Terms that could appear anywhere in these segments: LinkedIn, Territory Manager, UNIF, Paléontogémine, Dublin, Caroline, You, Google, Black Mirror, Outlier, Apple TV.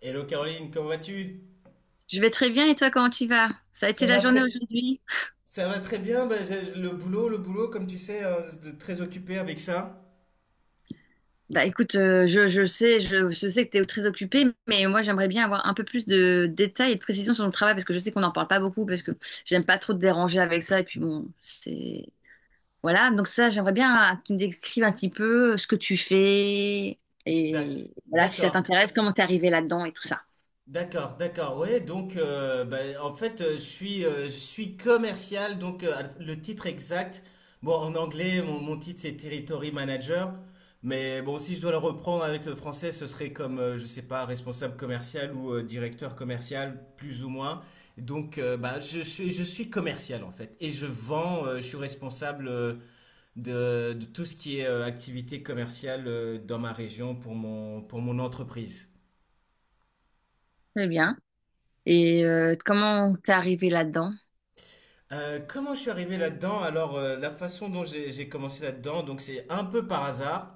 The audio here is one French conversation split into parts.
Hello Caroline, comment vas-tu? Je vais très bien et toi, comment tu vas? Ça a été Ça la va journée très... aujourd'hui? Ça va très bien, bah, le boulot, comme tu sais, très occupé avec ça. Bah écoute, je sais, je sais que tu es très occupé, mais moi j'aimerais bien avoir un peu plus de détails et de précisions sur ton travail parce que je sais qu'on n'en parle pas beaucoup parce que j'aime pas trop te déranger avec ça et puis bon, c'est... Voilà, donc ça, j'aimerais bien que tu me décrives un petit peu ce que tu fais D'ac- et voilà, si ça D'accord. t'intéresse, comment t'es arrivé là-dedans et tout ça. D'accord, d'accord, ouais, donc, bah, en fait, je suis commercial. Donc, le titre exact, bon, en anglais, mon titre c'est Territory Manager, mais bon, si je dois le reprendre avec le français, ce serait comme, je sais pas, responsable commercial ou directeur commercial, plus ou moins. Donc, je suis commercial en fait, et je vends. Je suis responsable de tout ce qui est activité commerciale dans ma région pour pour mon entreprise. Très bien. Et comment t'es arrivé là-dedans? Comment je suis arrivé là-dedans? Alors, la façon dont j'ai commencé là-dedans, donc c'est un peu par hasard,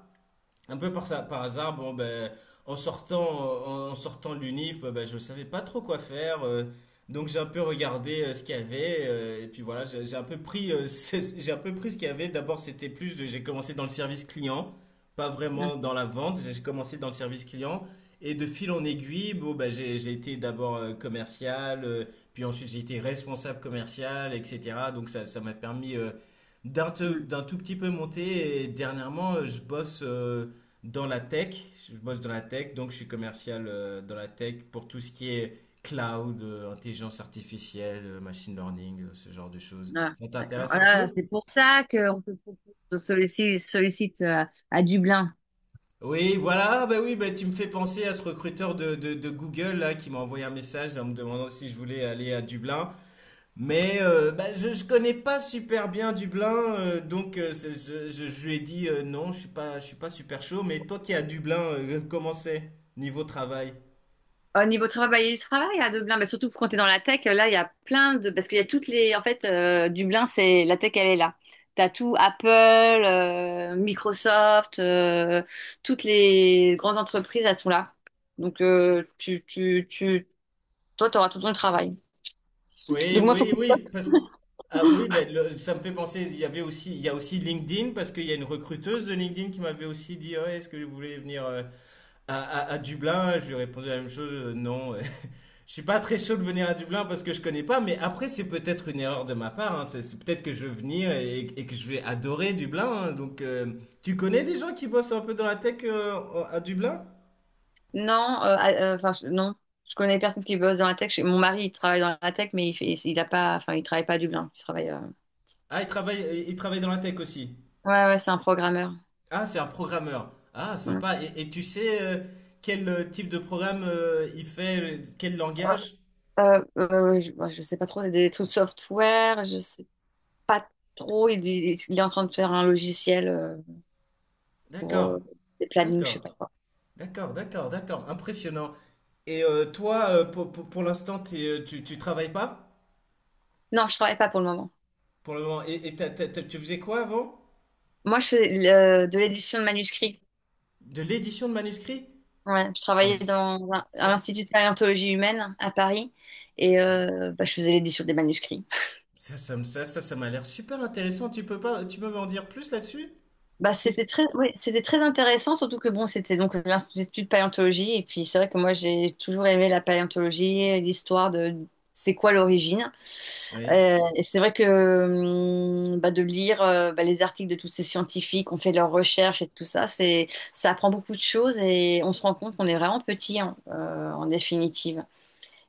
un peu par, ça- par hasard. Bon, ben, en sortant, en sortant de l'UNIF, ben, je ne savais pas trop quoi faire. Donc j'ai un peu regardé ce qu'il y avait. Et puis voilà, j'ai un peu pris, j'ai un peu pris ce qu'il y avait. D'abord, c'était plus, j'ai commencé dans le service client, pas vraiment dans la vente. J'ai commencé dans le service client. Et de fil en aiguille, bon, ben, j'ai été d'abord commercial, puis ensuite j'ai été responsable commercial, etc. Donc ça m'a permis, Mmh. d'un tout petit peu monter. Et dernièrement, je bosse. Dans la tech. Je bosse dans la tech, donc je suis commercial dans la tech pour tout ce qui est cloud, intelligence artificielle, machine learning, ce genre de choses. Ah, Ça d'accord. t'intéresse Ah un là, peu? c'est pour ça qu'on te propose de sollicite, sollicite à Dublin. Oui, voilà. Bah oui, bah tu me fais penser à ce recruteur de Google là, qui m'a envoyé un message en me demandant si je voulais aller à Dublin. Mais bah, je ne connais pas super bien Dublin, donc je lui ai dit non, je suis pas super chaud. Mais toi qui es à Dublin, comment c'est niveau travail? Au niveau travail, bah, il y a du travail à Dublin, mais surtout quand tu es dans la tech, là, il y a plein de... Parce qu'il y a toutes les... En fait, Dublin, c'est... La tech, elle est là. Tu as tout Apple, Microsoft, toutes les grandes entreprises, elles sont là. Donc, tu... toi, tu auras tout ton travail. Oui, Donc, moi, faut oui, oui. Parce que, ah oui, ça me fait penser. Il y avait aussi, il y a aussi LinkedIn, parce qu'il y a une recruteuse de LinkedIn qui m'avait aussi dit: "Ouais, est-ce que vous voulez venir à Dublin?" Je lui ai répondu la même chose, non. Je suis pas très chaud de venir à Dublin parce que je connais pas. Mais après, c'est peut-être une erreur de ma part, hein. C'est peut-être que je veux venir, et que je vais adorer Dublin, hein. Donc, tu connais des gens qui bossent un peu dans la tech à Dublin? Non, ah, enfin je- non, je connais personne qui bosse dans la tech. Chez- Mon mari, il travaille dans la tech, mais il fait, il a pas, enfin il travaille pas à Dublin. Il travaille. Ah, ils travaillent dans la tech aussi. Ouais, ouais, c'est un programmeur. Ah, c'est un programmeur. Ah, Mm. sympa. Et tu sais, quel type de programme il fait, quel langage? Je, ouais, je sais pas trop, c'est des trucs software. Je sais pas trop. Il est en train de faire un logiciel pour D'accord, des plannings, je sais d'accord, pas quoi. d'accord, d'accord, d'accord. Impressionnant. Et toi, pour l'instant, tu travailles pas Non, je travaille pas pour le moment. pour le moment. Et tu faisais quoi avant? Moi, je fais le- de l'édition de manuscrits. De l'édition de manuscrits? Ouais, je Ah, mais travaillais dans un- à ça, c- l'Institut de paléontologie humaine à Paris et ok. Bah, je faisais l'édition des manuscrits. Ça, ça m'a l'air super intéressant. Tu peux pas, Tu peux m'en dire plus là-dessus? Bah, Qu'est-ce que... c'était très, ouais, c'était très intéressant, surtout que bon, c'était donc l'Institut de paléontologie. Et puis, c'est vrai que moi, j'ai toujours aimé la paléontologie, l'histoire de c'est quoi l'origine. Oui, Et c'est vrai que bah, de lire bah, les articles de tous ces scientifiques qui ont fait leurs recherches et tout ça, c'est, ça apprend beaucoup de choses et on se rend compte qu'on est vraiment petit hein, en définitive.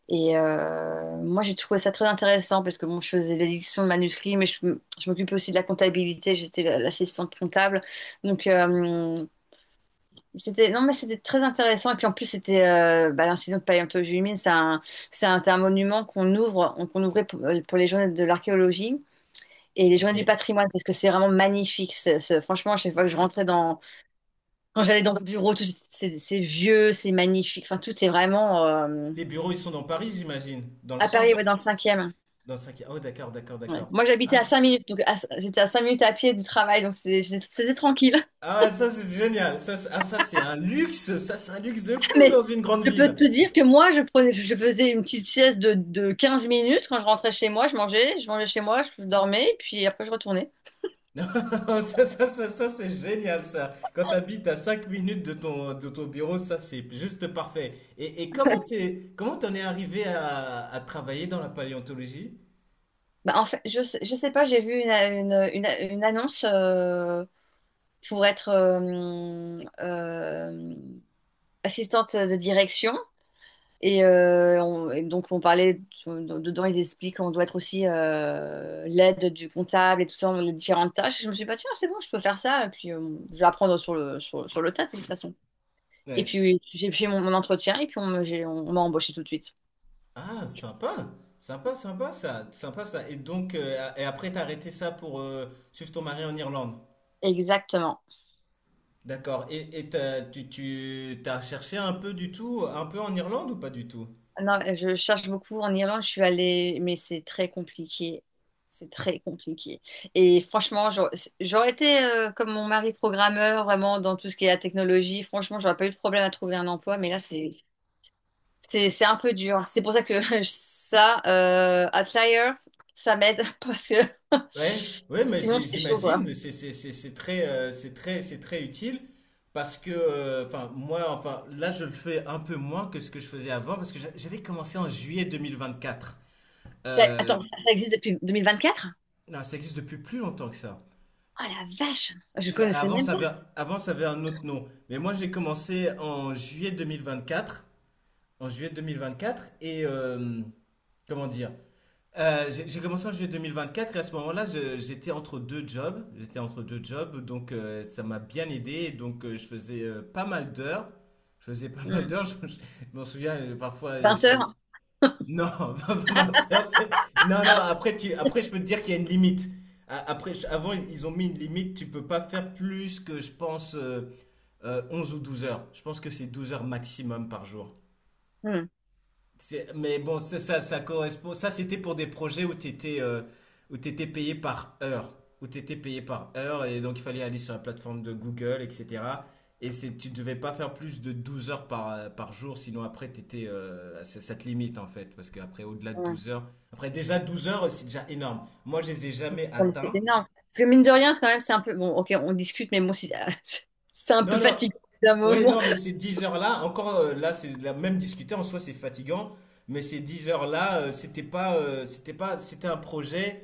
Et moi, j'ai trouvé ça très intéressant parce que bon, je faisais l'édition de manuscrits, mais je m'occupais aussi de la comptabilité. J'étais la- l'assistante comptable. Donc, c'était, non, mais c'était très intéressant. Et puis en plus, c'était bah, l'incident de Paléontogémine. C'est un monument qu'on ouvre, qu'on ouvrait pour les journées de l'archéologie. Et les ok. journées du patrimoine, parce que c'est vraiment magnifique. C'est- franchement, à chaque fois que je rentrais dans, quand j'allais dans le bureau, tout, c'est vieux, c'est magnifique. Enfin, tout est vraiment Les bureaux, ils sont dans Paris, j'imagine, dans le à Paris, centre. ouais, dans le cinquième. Dans 5 Oh, d'accord, d'accord, Ouais. d'accord. Moi, j'habitais Ah. à 5 minutes, donc à- j'étais à 5 minutes à pied du travail, donc c'est- j'ai- c'était tranquille. Ah, ouais, ça c'est génial. Ah, ça c'est un luxe. Ça c'est un luxe de fou Mais dans une grande je peux ville. te dire que moi, je prenais, je faisais une petite sieste de 15 minutes quand je rentrais chez moi, je mangeais chez moi, je dormais, puis après je retournais. Ça c'est génial, ça. Quand t'habites à 5 minutes de de ton bureau, ça c'est juste parfait. Et comment comment t'en es arrivé à, travailler dans la paléontologie? Bah, en fait, je sais pas, j'ai vu une annonce pour être assistante de direction Et, on- et donc, on parlait, dedans, ils expliquent qu'on doit être aussi l'aide du comptable et tout ça, les différentes tâches. Et je me suis pas dit, bah, tiens, c'est bon, je peux faire ça. Et puis, je vais apprendre sur le, sur, sur le tas, de toute façon. Et Ouais. puis, j'ai fait mon entretien et puis, on, me- j'ai- on m'a embauché tout de suite. Ah, sympa. Sympa, sympa, ça. Sympa, ça. Et donc, et après t'as arrêté ça pour suivre ton mari en Irlande. Exactement. D'accord. Et tu t'as cherché un peu du tout, un peu en Irlande ou pas du tout? Non, je cherche beaucoup en Irlande, je suis allée, mais c'est très compliqué. C'est très compliqué. Et franchement, j'aurais été comme mon mari programmeur, vraiment dans tout ce qui est la technologie. Franchement, j'aurais pas eu de problème à trouver un emploi, mais là, c'est un peu dur. C'est pour ça que ça, Outlier, ça m'aide parce que Ouais, ouais, mais sinon c'est chaud j'imagine. quoi. Mais c'est, c'est très, c'est très utile, parce que, enfin, moi, enfin, là, je le fais un peu moins que ce que je faisais avant, parce que j'avais commencé en juillet 2024. Ça- Euh, attends, ça existe depuis deux mille vingt-quatre non, ça existe depuis plus longtemps que ça. Oh la vache, je connaissais Avant, même pas. Avant, ça avait un autre nom. Mais moi, j'ai commencé en juillet 2024, et comment dire? J'ai commencé en juillet 2024, et à ce moment-là, j'étais entre deux jobs. J'étais entre deux jobs, donc ça m'a bien aidé. Et donc je faisais pas mal d'heures. Je faisais pas mal Hmm. d'heures. Je m'en souviens parfois. 20 heures. Non, pas 20 heures. Non, non. Après, après, je peux te dire qu'il y a une limite. Après, avant, ils ont mis une limite. Tu peux pas faire plus que, je pense, 11 ou 12 heures. Je pense que c'est 12 heures maximum par jour. Hmm. Mais bon, ça, ça correspond. Ça, c'était pour des projets où où t'étais payé par heure. Où tu payé par heure. Et donc, il fallait aller sur la plateforme de Google, etc. Et c'est, tu ne devais pas faire plus de 12 heures par, par jour. Sinon, après, t'étais, ça, ça te limite, en fait. Parce qu'après, au-delà de Ouais. 12 heures. Après, déjà, 12 heures, c'est déjà énorme. Moi, je les ai jamais Non, mais C'est atteints. énorme. Parce que mine de rien, c'est quand même, c'est un peu. Bon, ok, on discute, mais bon, si- c'est un peu Non, non, fatigant d'un ouais, moment. non, mais ces 10 heures-là, encore, là, c'est la même, discuter en soi, c'est fatigant, mais ces 10 heures-là, c'était pas, c'était un projet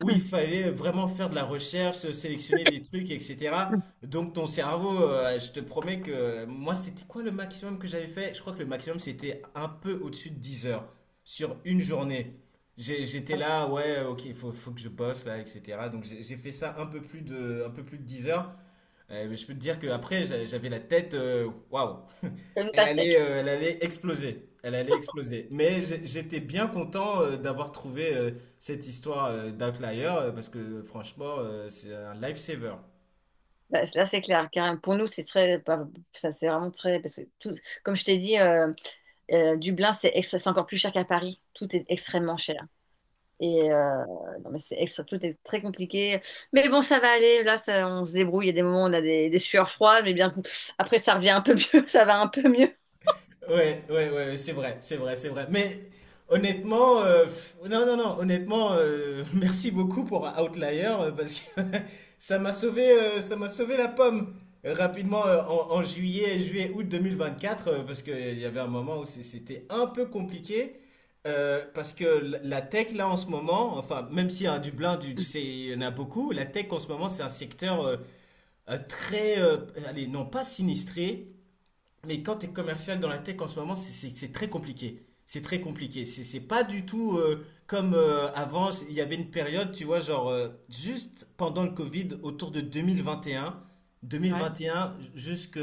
où Hmm. il fallait vraiment faire de la recherche, sélectionner des trucs, etc. Hmm. Donc ton cerveau, je te promets que moi, c'était quoi le maximum que j'avais fait? Je crois que le maximum, c'était un peu au-dessus de 10 heures sur une journée. J'étais là, ouais, ok, il faut, que je bosse là, etc. Donc j'ai fait ça un peu plus de, 10 heures. Je peux te dire qu'après, j'avais la tête, waouh. Comme une pastèque. Elle allait exploser. Elle allait exploser. Mais j'étais bien content d'avoir trouvé cette histoire d'Outlier, parce que franchement, c'est un lifesaver. Bah, Là, c'est clair. Car pour nous, c'est très. Bah, Ça, c'est vraiment très. Parce que tout, comme je t'ai dit. Dublin, c'est extra- c'est encore plus cher qu'à Paris. Tout est extrêmement cher. Et non, mais c'est extra- tout est très compliqué. Mais bon, ça va aller. Là, ça- on se débrouille. Il y a des moments où on a des sueurs froides, mais bien après, ça revient un peu mieux. Ça va un peu mieux. Ouais, ouais, ouais, ouais, c'est vrai, c'est vrai, c'est vrai. Mais honnêtement, pff, non, non, non, honnêtement, merci beaucoup pour Outlier, parce que ça m'a sauvé la pomme. Rapidement en juillet, août 2024, parce qu'il y avait un moment où c'était un peu compliqué, parce que la tech là en ce moment, enfin, même si à Dublin, tu sais, il y en a beaucoup, la tech en ce moment c'est un secteur très, allez, non pas sinistré, mais quand tu es commercial dans la tech en ce moment, c'est très compliqué. C'est très compliqué. C'est pas du tout comme avant. Il y avait une période, tu vois, genre juste pendant le Covid, autour de 2021, Ouais. 2021 jusque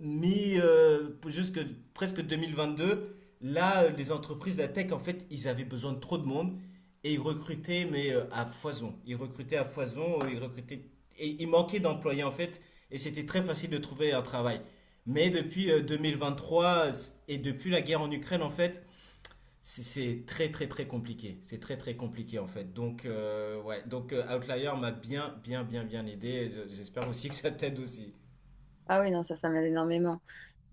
jusque presque 2022. Là, les entreprises de la tech, en fait, ils avaient besoin de trop de monde, et ils recrutaient, mais à foison. Ils recrutaient à foison. Ils recrutaient, et il manquait d'employés en fait. Et c'était très facile de trouver un travail. Mais depuis 2023, et depuis la guerre en Ukraine, en fait, c'est très, très, très compliqué. C'est très très compliqué en fait. Donc, Outlier m'a bien, bien, bien, bien aidé. Et j'espère aussi que ça t'aide aussi. Ah oui, non, ça m'aide énormément.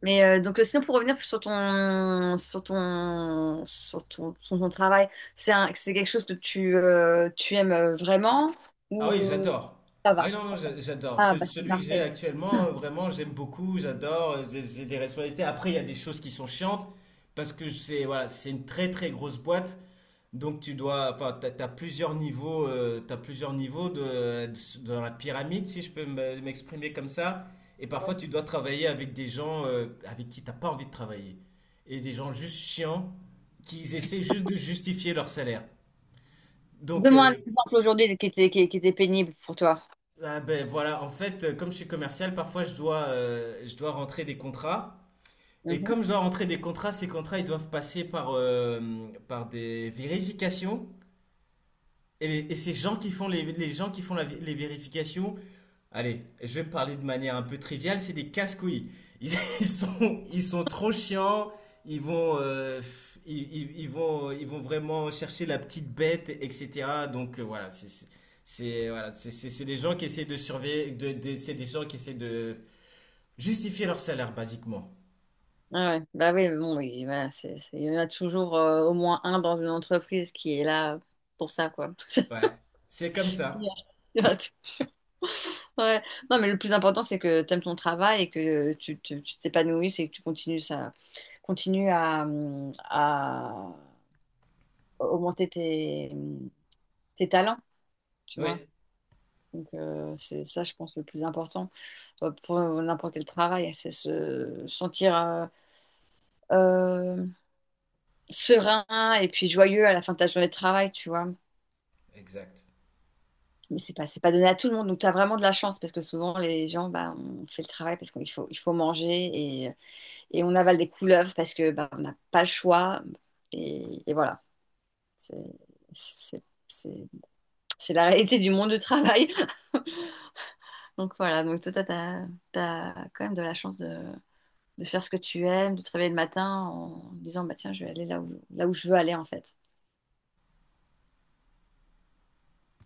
Mais donc, sinon, pour revenir sur ton travail, c'est un, c'est quelque chose que tu, tu aimes vraiment Ah ou oui, j'adore. ça Ah va? oui, non, non, j'adore. Ah, bah, c'est Celui que j'ai parfait. actuellement, vraiment, j'aime beaucoup, j'adore, j'ai des responsabilités. Après, il y a des choses qui sont chiantes, parce que c'est, voilà, c'est une très, très grosse boîte. Donc tu dois, enfin, t'as plusieurs niveaux, de, dans la pyramide, si je peux m'exprimer comme ça. Et parfois tu dois travailler avec des gens, avec qui t'as pas envie de travailler, et des gens juste chiants qui essaient juste de justifier leur salaire. Donc Donne-moi un exemple aujourd'hui qui était, qui était pénible pour toi. ah ben voilà, en fait, comme je suis commercial, parfois je dois rentrer des contrats. Et Mhm. comme je dois rentrer des contrats, ces contrats ils doivent passer par, par des vérifications. Et, ces gens qui font les gens qui font la vé- les vérifications, allez, je vais parler de manière un peu triviale, c'est des casse-couilles. Ils, ils sont trop chiants. Ils vont, vraiment chercher la petite bête, etc. Donc, voilà. Voilà, c'est des gens qui essaient de surveiller, c'est des gens qui essaient de justifier leur salaire basiquement. Ah ouais. Bah oui, mais bon, oui, voilà, c'est- il y en a toujours au moins un dans une entreprise qui est là pour ça, quoi. Ouais, c'est comme ça. Yeah. Ouais. Non, mais le plus important, c'est que tu aimes ton travail et que tu t'épanouisses et que tu continues, ça, continues à augmenter tes, tes talents, tu vois. Oui, Donc, c'est ça, je pense, le plus important pour n'importe quel travail, c'est se sentir euh, serein et puis joyeux à la fin de ta journée de travail, tu vois. exact. Mais c'est pas donné à tout le monde. Donc, tu as vraiment de la chance parce que souvent, les gens, bah, on fait le travail parce qu'il faut, il faut manger et, et on avale des couleuvres parce que bah, on n'a pas le choix. Et voilà, c'est c'est- c'est- c'est la réalité du monde du travail. Donc, voilà. Donc, toi, tu as, quand même de la chance de faire ce que tu aimes, de te réveiller le matin en disant, bah, tiens, je vais aller là où je veux aller en fait.